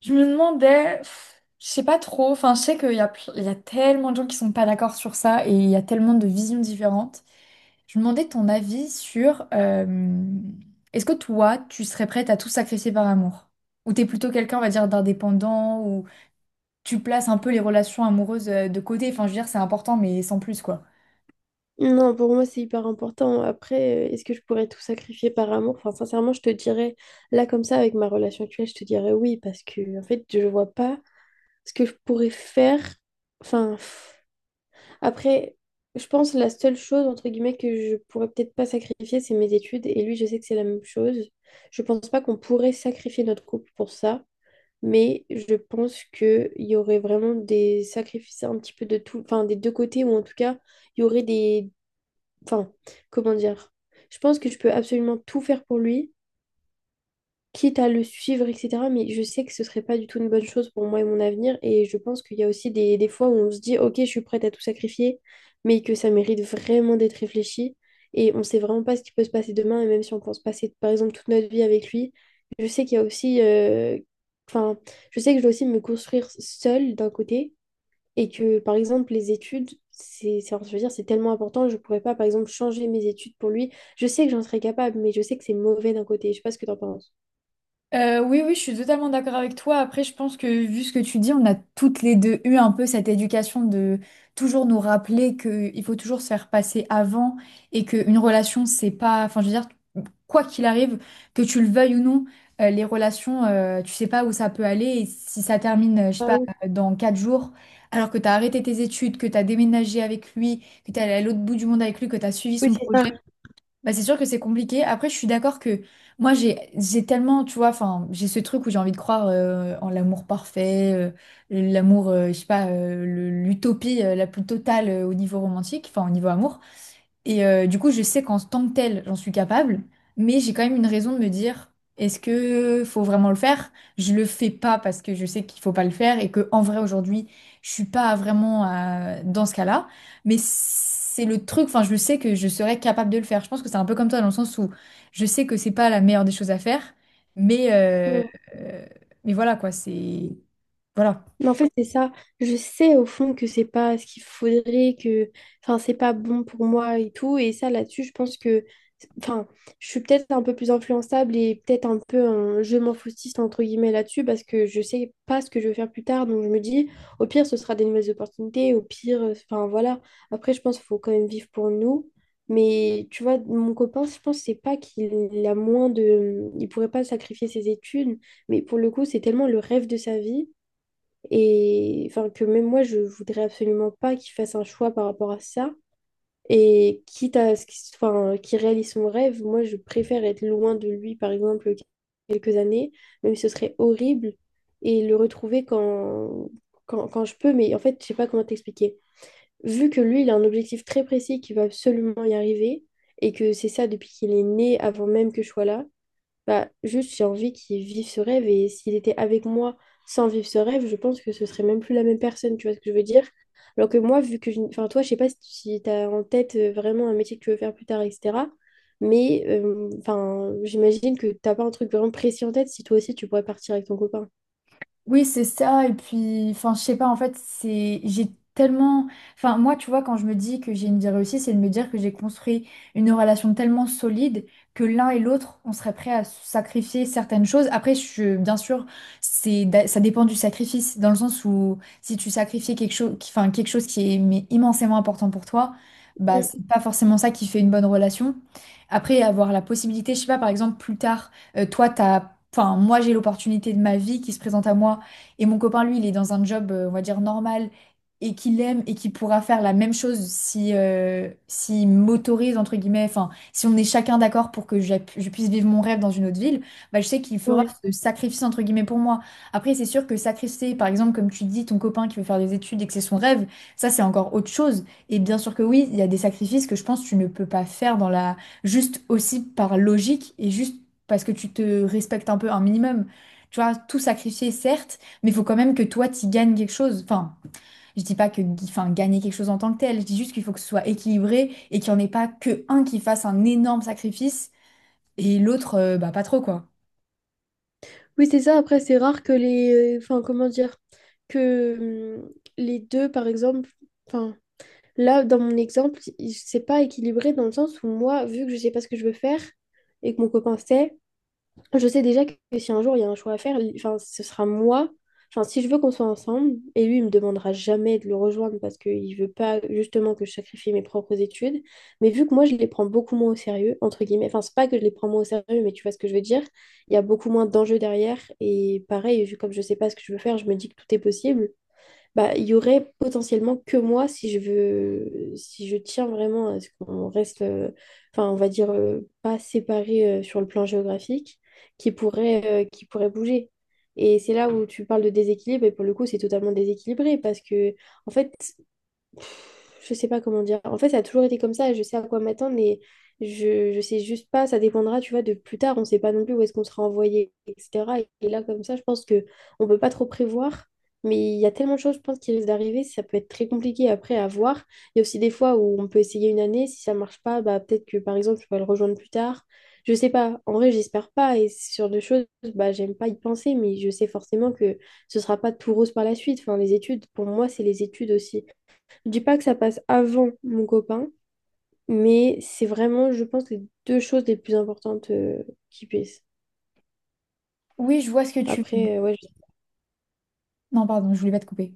Je me demandais, pff, je sais pas trop, enfin je sais qu'il y a, il y a tellement de gens qui sont pas d'accord sur ça et il y a tellement de visions différentes. Je me demandais ton avis sur est-ce que toi tu serais prête à tout sacrifier par amour? Ou t'es plutôt quelqu'un, on va dire, d'indépendant, ou tu places un peu les relations amoureuses de côté, enfin je veux dire c'est important mais sans plus quoi. Non, pour moi, c'est hyper important. Après, est-ce que je pourrais tout sacrifier par amour? Enfin, sincèrement, je te dirais, là, comme ça, avec ma relation actuelle, je te dirais oui, parce que, en fait, je vois pas ce que je pourrais faire. Enfin, pff. après, je pense la seule chose, entre guillemets, que je pourrais peut-être pas sacrifier, c'est mes études. Et lui, je sais que c'est la même chose. Je pense pas qu'on pourrait sacrifier notre couple pour ça, mais je pense qu'il y aurait vraiment des sacrifices un petit peu de tout, enfin, des deux côtés, ou en tout cas, il y aurait des Enfin, comment dire? Je pense que je peux absolument tout faire pour lui, quitte à le suivre, etc. Mais je sais que ce serait pas du tout une bonne chose pour moi et mon avenir. Et je pense qu'il y a aussi des fois où on se dit, ok, je suis prête à tout sacrifier, mais que ça mérite vraiment d'être réfléchi. Et on sait vraiment pas ce qui peut se passer demain. Et même si on pense passer, par exemple, toute notre vie avec lui, je sais qu'il y a aussi. Enfin, je sais que je dois aussi me construire seule d'un côté. Et que, par exemple, les études, je veux dire, c'est tellement important, je pourrais pas, par exemple, changer mes études pour lui. Je sais que j'en serais capable, mais je sais que c'est mauvais d'un côté. Je sais pas ce que t'en penses. Oui, oui, je suis totalement d'accord avec toi. Après, je pense que vu ce que tu dis, on a toutes les deux eu un peu cette éducation de toujours nous rappeler qu'il faut toujours se faire passer avant et qu'une relation, c'est pas, enfin, je veux dire, quoi qu'il arrive, que tu le veuilles ou non, les relations, tu sais pas où ça peut aller. Et si ça termine, je sais Ah pas, oui. Dans 4 jours, alors que tu as arrêté tes études, que tu as déménagé avec lui, que tu es allé à l'autre bout du monde avec lui, que tu as suivi Oui, son c'est ça. projet. Bah, c'est sûr que c'est compliqué. Après, je suis d'accord que moi, j'ai tellement, tu vois, enfin, j'ai ce truc où j'ai envie de croire en l'amour parfait, l'amour, je sais pas, l'utopie la plus totale au niveau romantique, enfin, au niveau amour. Et du coup, je sais qu'en tant que tel, j'en suis capable, mais j'ai quand même une raison de me dire, est-ce que faut vraiment le faire? Je le fais pas parce que je sais qu'il faut pas le faire et que en vrai aujourd'hui, je suis pas vraiment dans ce cas-là. Mais c'est le truc, enfin, je sais que je serais capable de le faire. Je pense que c'est un peu comme toi dans le sens où je sais que c'est pas la meilleure des choses à faire, mais euh, Ouais. euh, mais voilà quoi, c'est voilà. Mais en fait, c'est ça. Je sais au fond que c'est pas ce qu'il faudrait, que c'est pas bon pour moi et tout. Et ça, là-dessus, je pense que enfin, je suis peut-être un peu plus influençable et peut-être un peu un je m'en foutiste entre guillemets là-dessus parce que je sais pas ce que je veux faire plus tard. Donc je me dis, au pire, ce sera des nouvelles opportunités. Au pire, enfin voilà. Après, je pense qu'il faut quand même vivre pour nous. Mais tu vois, mon copain, je pense c'est pas qu'il a moins de. Il pourrait pas sacrifier ses études. Mais pour le coup, c'est tellement le rêve de sa vie et enfin que même moi je voudrais absolument pas qu'il fasse un choix par rapport à ça et quitte à ce qu'il réalise son rêve, moi je préfère être loin de lui par exemple quelques années, même si ce serait horrible, et le retrouver quand je peux, mais en fait je sais pas comment t'expliquer, vu que lui il a un objectif très précis qu'il va absolument y arriver et que c'est ça depuis qu'il est né avant même que je sois là. Bah, juste, j'ai envie qu'il vive ce rêve, et s'il était avec moi sans vivre ce rêve, je pense que ce serait même plus la même personne, tu vois ce que je veux dire? Alors que moi, vu que je... Enfin, toi, je sais pas si tu as en tête vraiment un métier que tu veux faire plus tard, etc. Mais enfin, j'imagine que t'as pas un truc vraiment précis en tête, si toi aussi tu pourrais partir avec ton copain. Oui, c'est ça. Et puis, enfin, je sais pas, en fait, j'ai tellement, enfin, moi, tu vois, quand je me dis que j'ai une vie réussie, c'est de me dire que j'ai construit une relation tellement solide que l'un et l'autre, on serait prêt à sacrifier certaines choses. Après, je, bien sûr, ça dépend du sacrifice, dans le sens où si tu sacrifies quelque chose, enfin, quelque chose qui est mais immensément important pour toi, bah, Mm. c'est pas forcément ça qui fait une bonne relation. Après, avoir la possibilité, je sais pas, par exemple, plus tard, enfin, moi, j'ai l'opportunité de ma vie qui se présente à moi et mon copain, lui, il est dans un job, on va dire, normal et qu'il aime et qu'il pourra faire la même chose si, s'il m'autorise, entre guillemets, enfin, si on est chacun d'accord pour que je puisse vivre mon rêve dans une autre ville, bah, je sais qu'il fera Ouais. ce sacrifice, entre guillemets, pour moi. Après, c'est sûr que sacrifier, par exemple, comme tu dis, ton copain qui veut faire des études et que c'est son rêve, ça, c'est encore autre chose. Et bien sûr que oui, il y a des sacrifices que je pense que tu ne peux pas faire dans la, juste aussi par logique et juste parce que tu te respectes un peu un minimum. Tu vois, tout sacrifier, certes, mais il faut quand même que toi, tu gagnes quelque chose. Enfin, je dis pas que enfin, gagner quelque chose en tant que tel. Je dis juste qu'il faut que ce soit équilibré et qu'il n'y en ait pas que un qui fasse un énorme sacrifice et l'autre, bah, pas trop, quoi. Oui, c'est ça. Après, c'est rare que les... Enfin, comment dire? Que les deux, par exemple... Là, dans mon exemple, c'est pas équilibré dans le sens où moi, vu que je sais pas ce que je veux faire et que mon copain sait, je sais déjà que si un jour il y a un choix à faire, ce sera moi. Enfin, si je veux qu'on soit ensemble, et lui, il me demandera jamais de le rejoindre parce qu'il veut pas justement que je sacrifie mes propres études. Mais vu que moi, je les prends beaucoup moins au sérieux, entre guillemets, enfin, c'est pas que je les prends moins au sérieux, mais tu vois ce que je veux dire, il y a beaucoup moins d'enjeux derrière. Et pareil, comme je sais pas ce que je veux faire, je me dis que tout est possible. Bah, il y aurait potentiellement que moi si je veux, si je tiens vraiment à ce qu'on reste, enfin, on va dire, pas séparés sur le plan géographique, qui pourrait bouger. Et c'est là où tu parles de déséquilibre, et pour le coup, c'est totalement déséquilibré, parce que, en fait, je sais pas comment dire. En fait, ça a toujours été comme ça. Je sais à quoi m'attendre, mais je sais juste pas. Ça dépendra, tu vois, de plus tard. On sait pas non plus où est-ce qu'on sera envoyé, etc. Et là, comme ça, je pense que on peut pas trop prévoir. Mais il y a tellement de choses, je pense, qui risquent d'arriver. Ça peut être très compliqué après à voir. Il y a aussi des fois où on peut essayer une année. Si ça marche pas, bah, peut-être que, par exemple, tu vas le rejoindre plus tard. Je sais pas. En vrai, j'espère pas. Et sur deux choses, bah, j'aime pas y penser, mais je sais forcément que ce sera pas tout rose par la suite. Enfin, les études, pour moi, c'est les études aussi. Je dis pas que ça passe avant mon copain, mais c'est vraiment, je pense, les deux choses les plus importantes qui puissent. Oui, je vois ce que tu veux dire. Après, ouais. Non, pardon, je voulais pas te couper.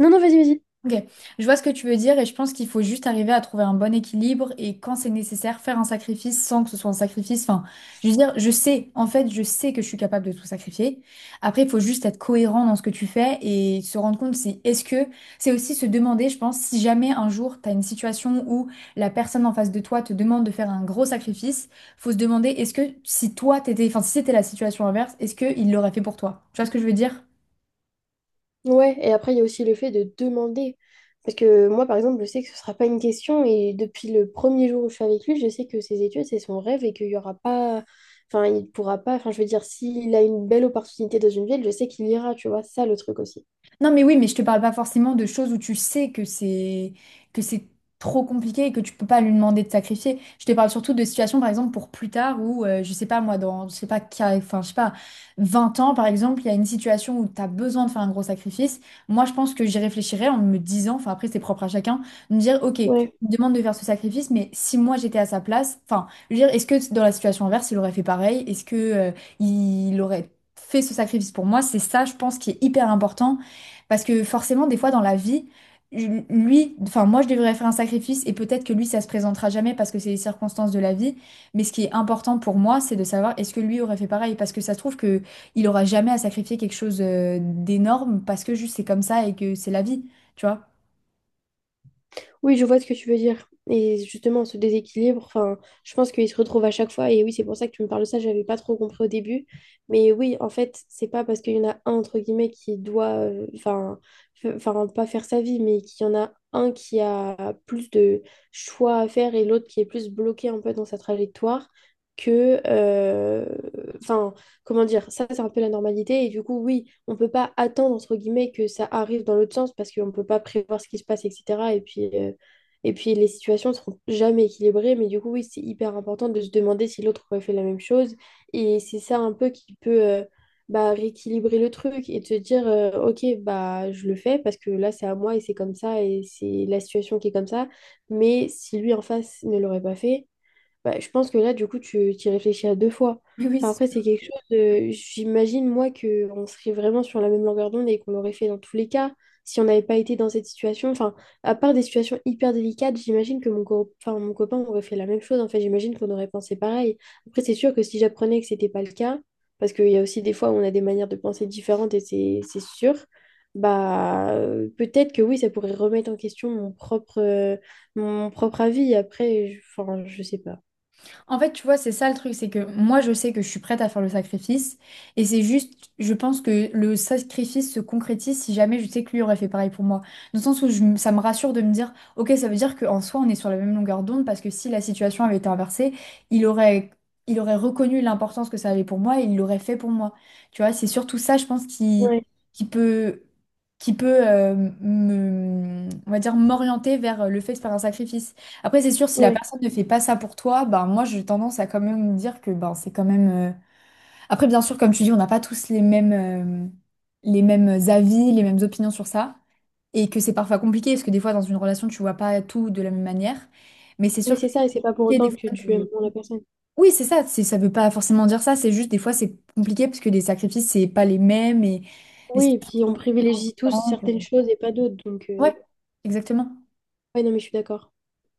Non, non, vas-y, vas-y. Ok, je vois ce que tu veux dire et je pense qu'il faut juste arriver à trouver un bon équilibre et quand c'est nécessaire, faire un sacrifice sans que ce soit un sacrifice. Enfin, je veux dire, je sais, en fait, je sais que je suis capable de tout sacrifier. Après, il faut juste être cohérent dans ce que tu fais et se rendre compte si, c'est aussi se demander, je pense, si jamais un jour tu as une situation où la personne en face de toi te demande de faire un gros sacrifice, faut se demander, est-ce que si toi t'étais, enfin, si c'était la situation inverse, est-ce qu'il l'aurait fait pour toi? Tu vois ce que je veux dire? Ouais, et après, il y a aussi le fait de demander. Parce que moi, par exemple, je sais que ce sera pas une question, et depuis le premier jour où je suis avec lui, je sais que ses études, c'est son rêve et qu'il y aura pas. Enfin, il pourra pas. Enfin, je veux dire, s'il a une belle opportunité dans une ville, je sais qu'il ira, tu vois, c'est ça le truc aussi. Non, mais oui, mais je te parle pas forcément de choses où tu sais que c'est trop compliqué et que tu peux pas lui demander de sacrifier. Je te parle surtout de situations, par exemple, pour plus tard où, je sais pas, moi, dans, je sais pas, enfin, je sais pas, 20 ans, par exemple, il y a une situation où tu as besoin de faire un gros sacrifice. Moi, je pense que j'y réfléchirais en me disant, enfin, après, c'est propre à chacun, de me dire, OK, il Ouais. me demande de faire ce sacrifice, mais si moi j'étais à sa place, enfin, je veux dire, est-ce que dans la situation inverse, il aurait fait pareil? Est-ce que, il aurait fait ce sacrifice pour moi? C'est ça, je pense, qui est hyper important parce que forcément, des fois, dans la vie, lui, enfin, moi, je devrais faire un sacrifice et peut-être que lui, ça se présentera jamais parce que c'est les circonstances de la vie. Mais ce qui est important pour moi, c'est de savoir est-ce que lui aurait fait pareil? Parce que ça se trouve que il aura jamais à sacrifier quelque chose d'énorme parce que juste c'est comme ça et que c'est la vie, tu vois? Oui, je vois ce que tu veux dire. Et justement, ce déséquilibre, enfin, je pense qu'il se retrouve à chaque fois. Et oui, c'est pour ça que tu me parles de ça, j'avais pas trop compris au début. Mais oui, en fait, c'est pas parce qu'il y en a un, entre guillemets, qui doit, pas faire sa vie, mais qu'il y en a un qui a plus de choix à faire et l'autre qui est plus bloqué un peu dans sa trajectoire que, enfin, comment dire, ça, c'est un peu la normalité. Et du coup, oui, on peut pas attendre, entre guillemets, que ça arrive dans l'autre sens parce qu'on peut pas prévoir ce qui se passe, etc. Et puis les situations ne seront jamais équilibrées, mais du coup, oui, c'est hyper important de se demander si l'autre aurait fait la même chose. Et c'est ça un peu qui peut bah, rééquilibrer le truc et te dire, ok, bah je le fais parce que là, c'est à moi et c'est comme ça et c'est la situation qui est comme ça. Mais si lui en face ne l'aurait pas fait, bah, je pense que là, du coup, tu t'y réfléchis à deux fois. Oui, oui. Enfin, après, c'est quelque chose de... J'imagine, moi, qu'on serait vraiment sur la même longueur d'onde et qu'on l'aurait fait dans tous les cas si on n'avait pas été dans cette situation. Enfin, à part des situations hyper délicates, j'imagine que mon copain aurait fait la même chose. En fait, j'imagine qu'on aurait pensé pareil. Après, c'est sûr que si j'apprenais que c'était pas le cas, parce qu'il y a aussi des fois où on a des manières de penser différentes et c'est sûr, bah, peut-être que oui, ça pourrait remettre en question mon propre avis. Après, enfin, je sais pas. En fait, tu vois, c'est ça le truc, c'est que moi, je sais que je suis prête à faire le sacrifice, et c'est juste, je pense que le sacrifice se concrétise si jamais je sais que lui aurait fait pareil pour moi. Dans le sens où ça me rassure de me dire, ok, ça veut dire qu'en soi, on est sur la même longueur d'onde, parce que si la situation avait été inversée, il aurait, il aurait reconnu l'importance que ça avait pour moi et il l'aurait fait pour moi. Tu vois, c'est surtout ça, je pense, Ouais, qui peut, qui peut me, on va dire, m'orienter vers le fait de faire un sacrifice. Après, c'est sûr, si la ouais. personne ne fait pas ça pour toi, ben moi j'ai tendance à quand même me dire que ben c'est quand même. Après, bien sûr, comme tu dis, on n'a pas tous les mêmes avis, les mêmes opinions sur ça, et que c'est parfois compliqué parce que des fois dans une relation tu vois pas tout de la même manière. Mais c'est Oui, sûr que c'est c'est ça, et c'est pas pour compliqué des autant que fois tu aimes de. moins la personne. Oui, c'est ça. C'est ça veut pas forcément dire ça. C'est juste des fois c'est compliqué parce que les sacrifices c'est pas les mêmes et les Oui, et puis situations on privilégie tous différentes. certaines choses et pas d'autres, donc... Ouais, exactement. Ouais, non, mais je suis d'accord.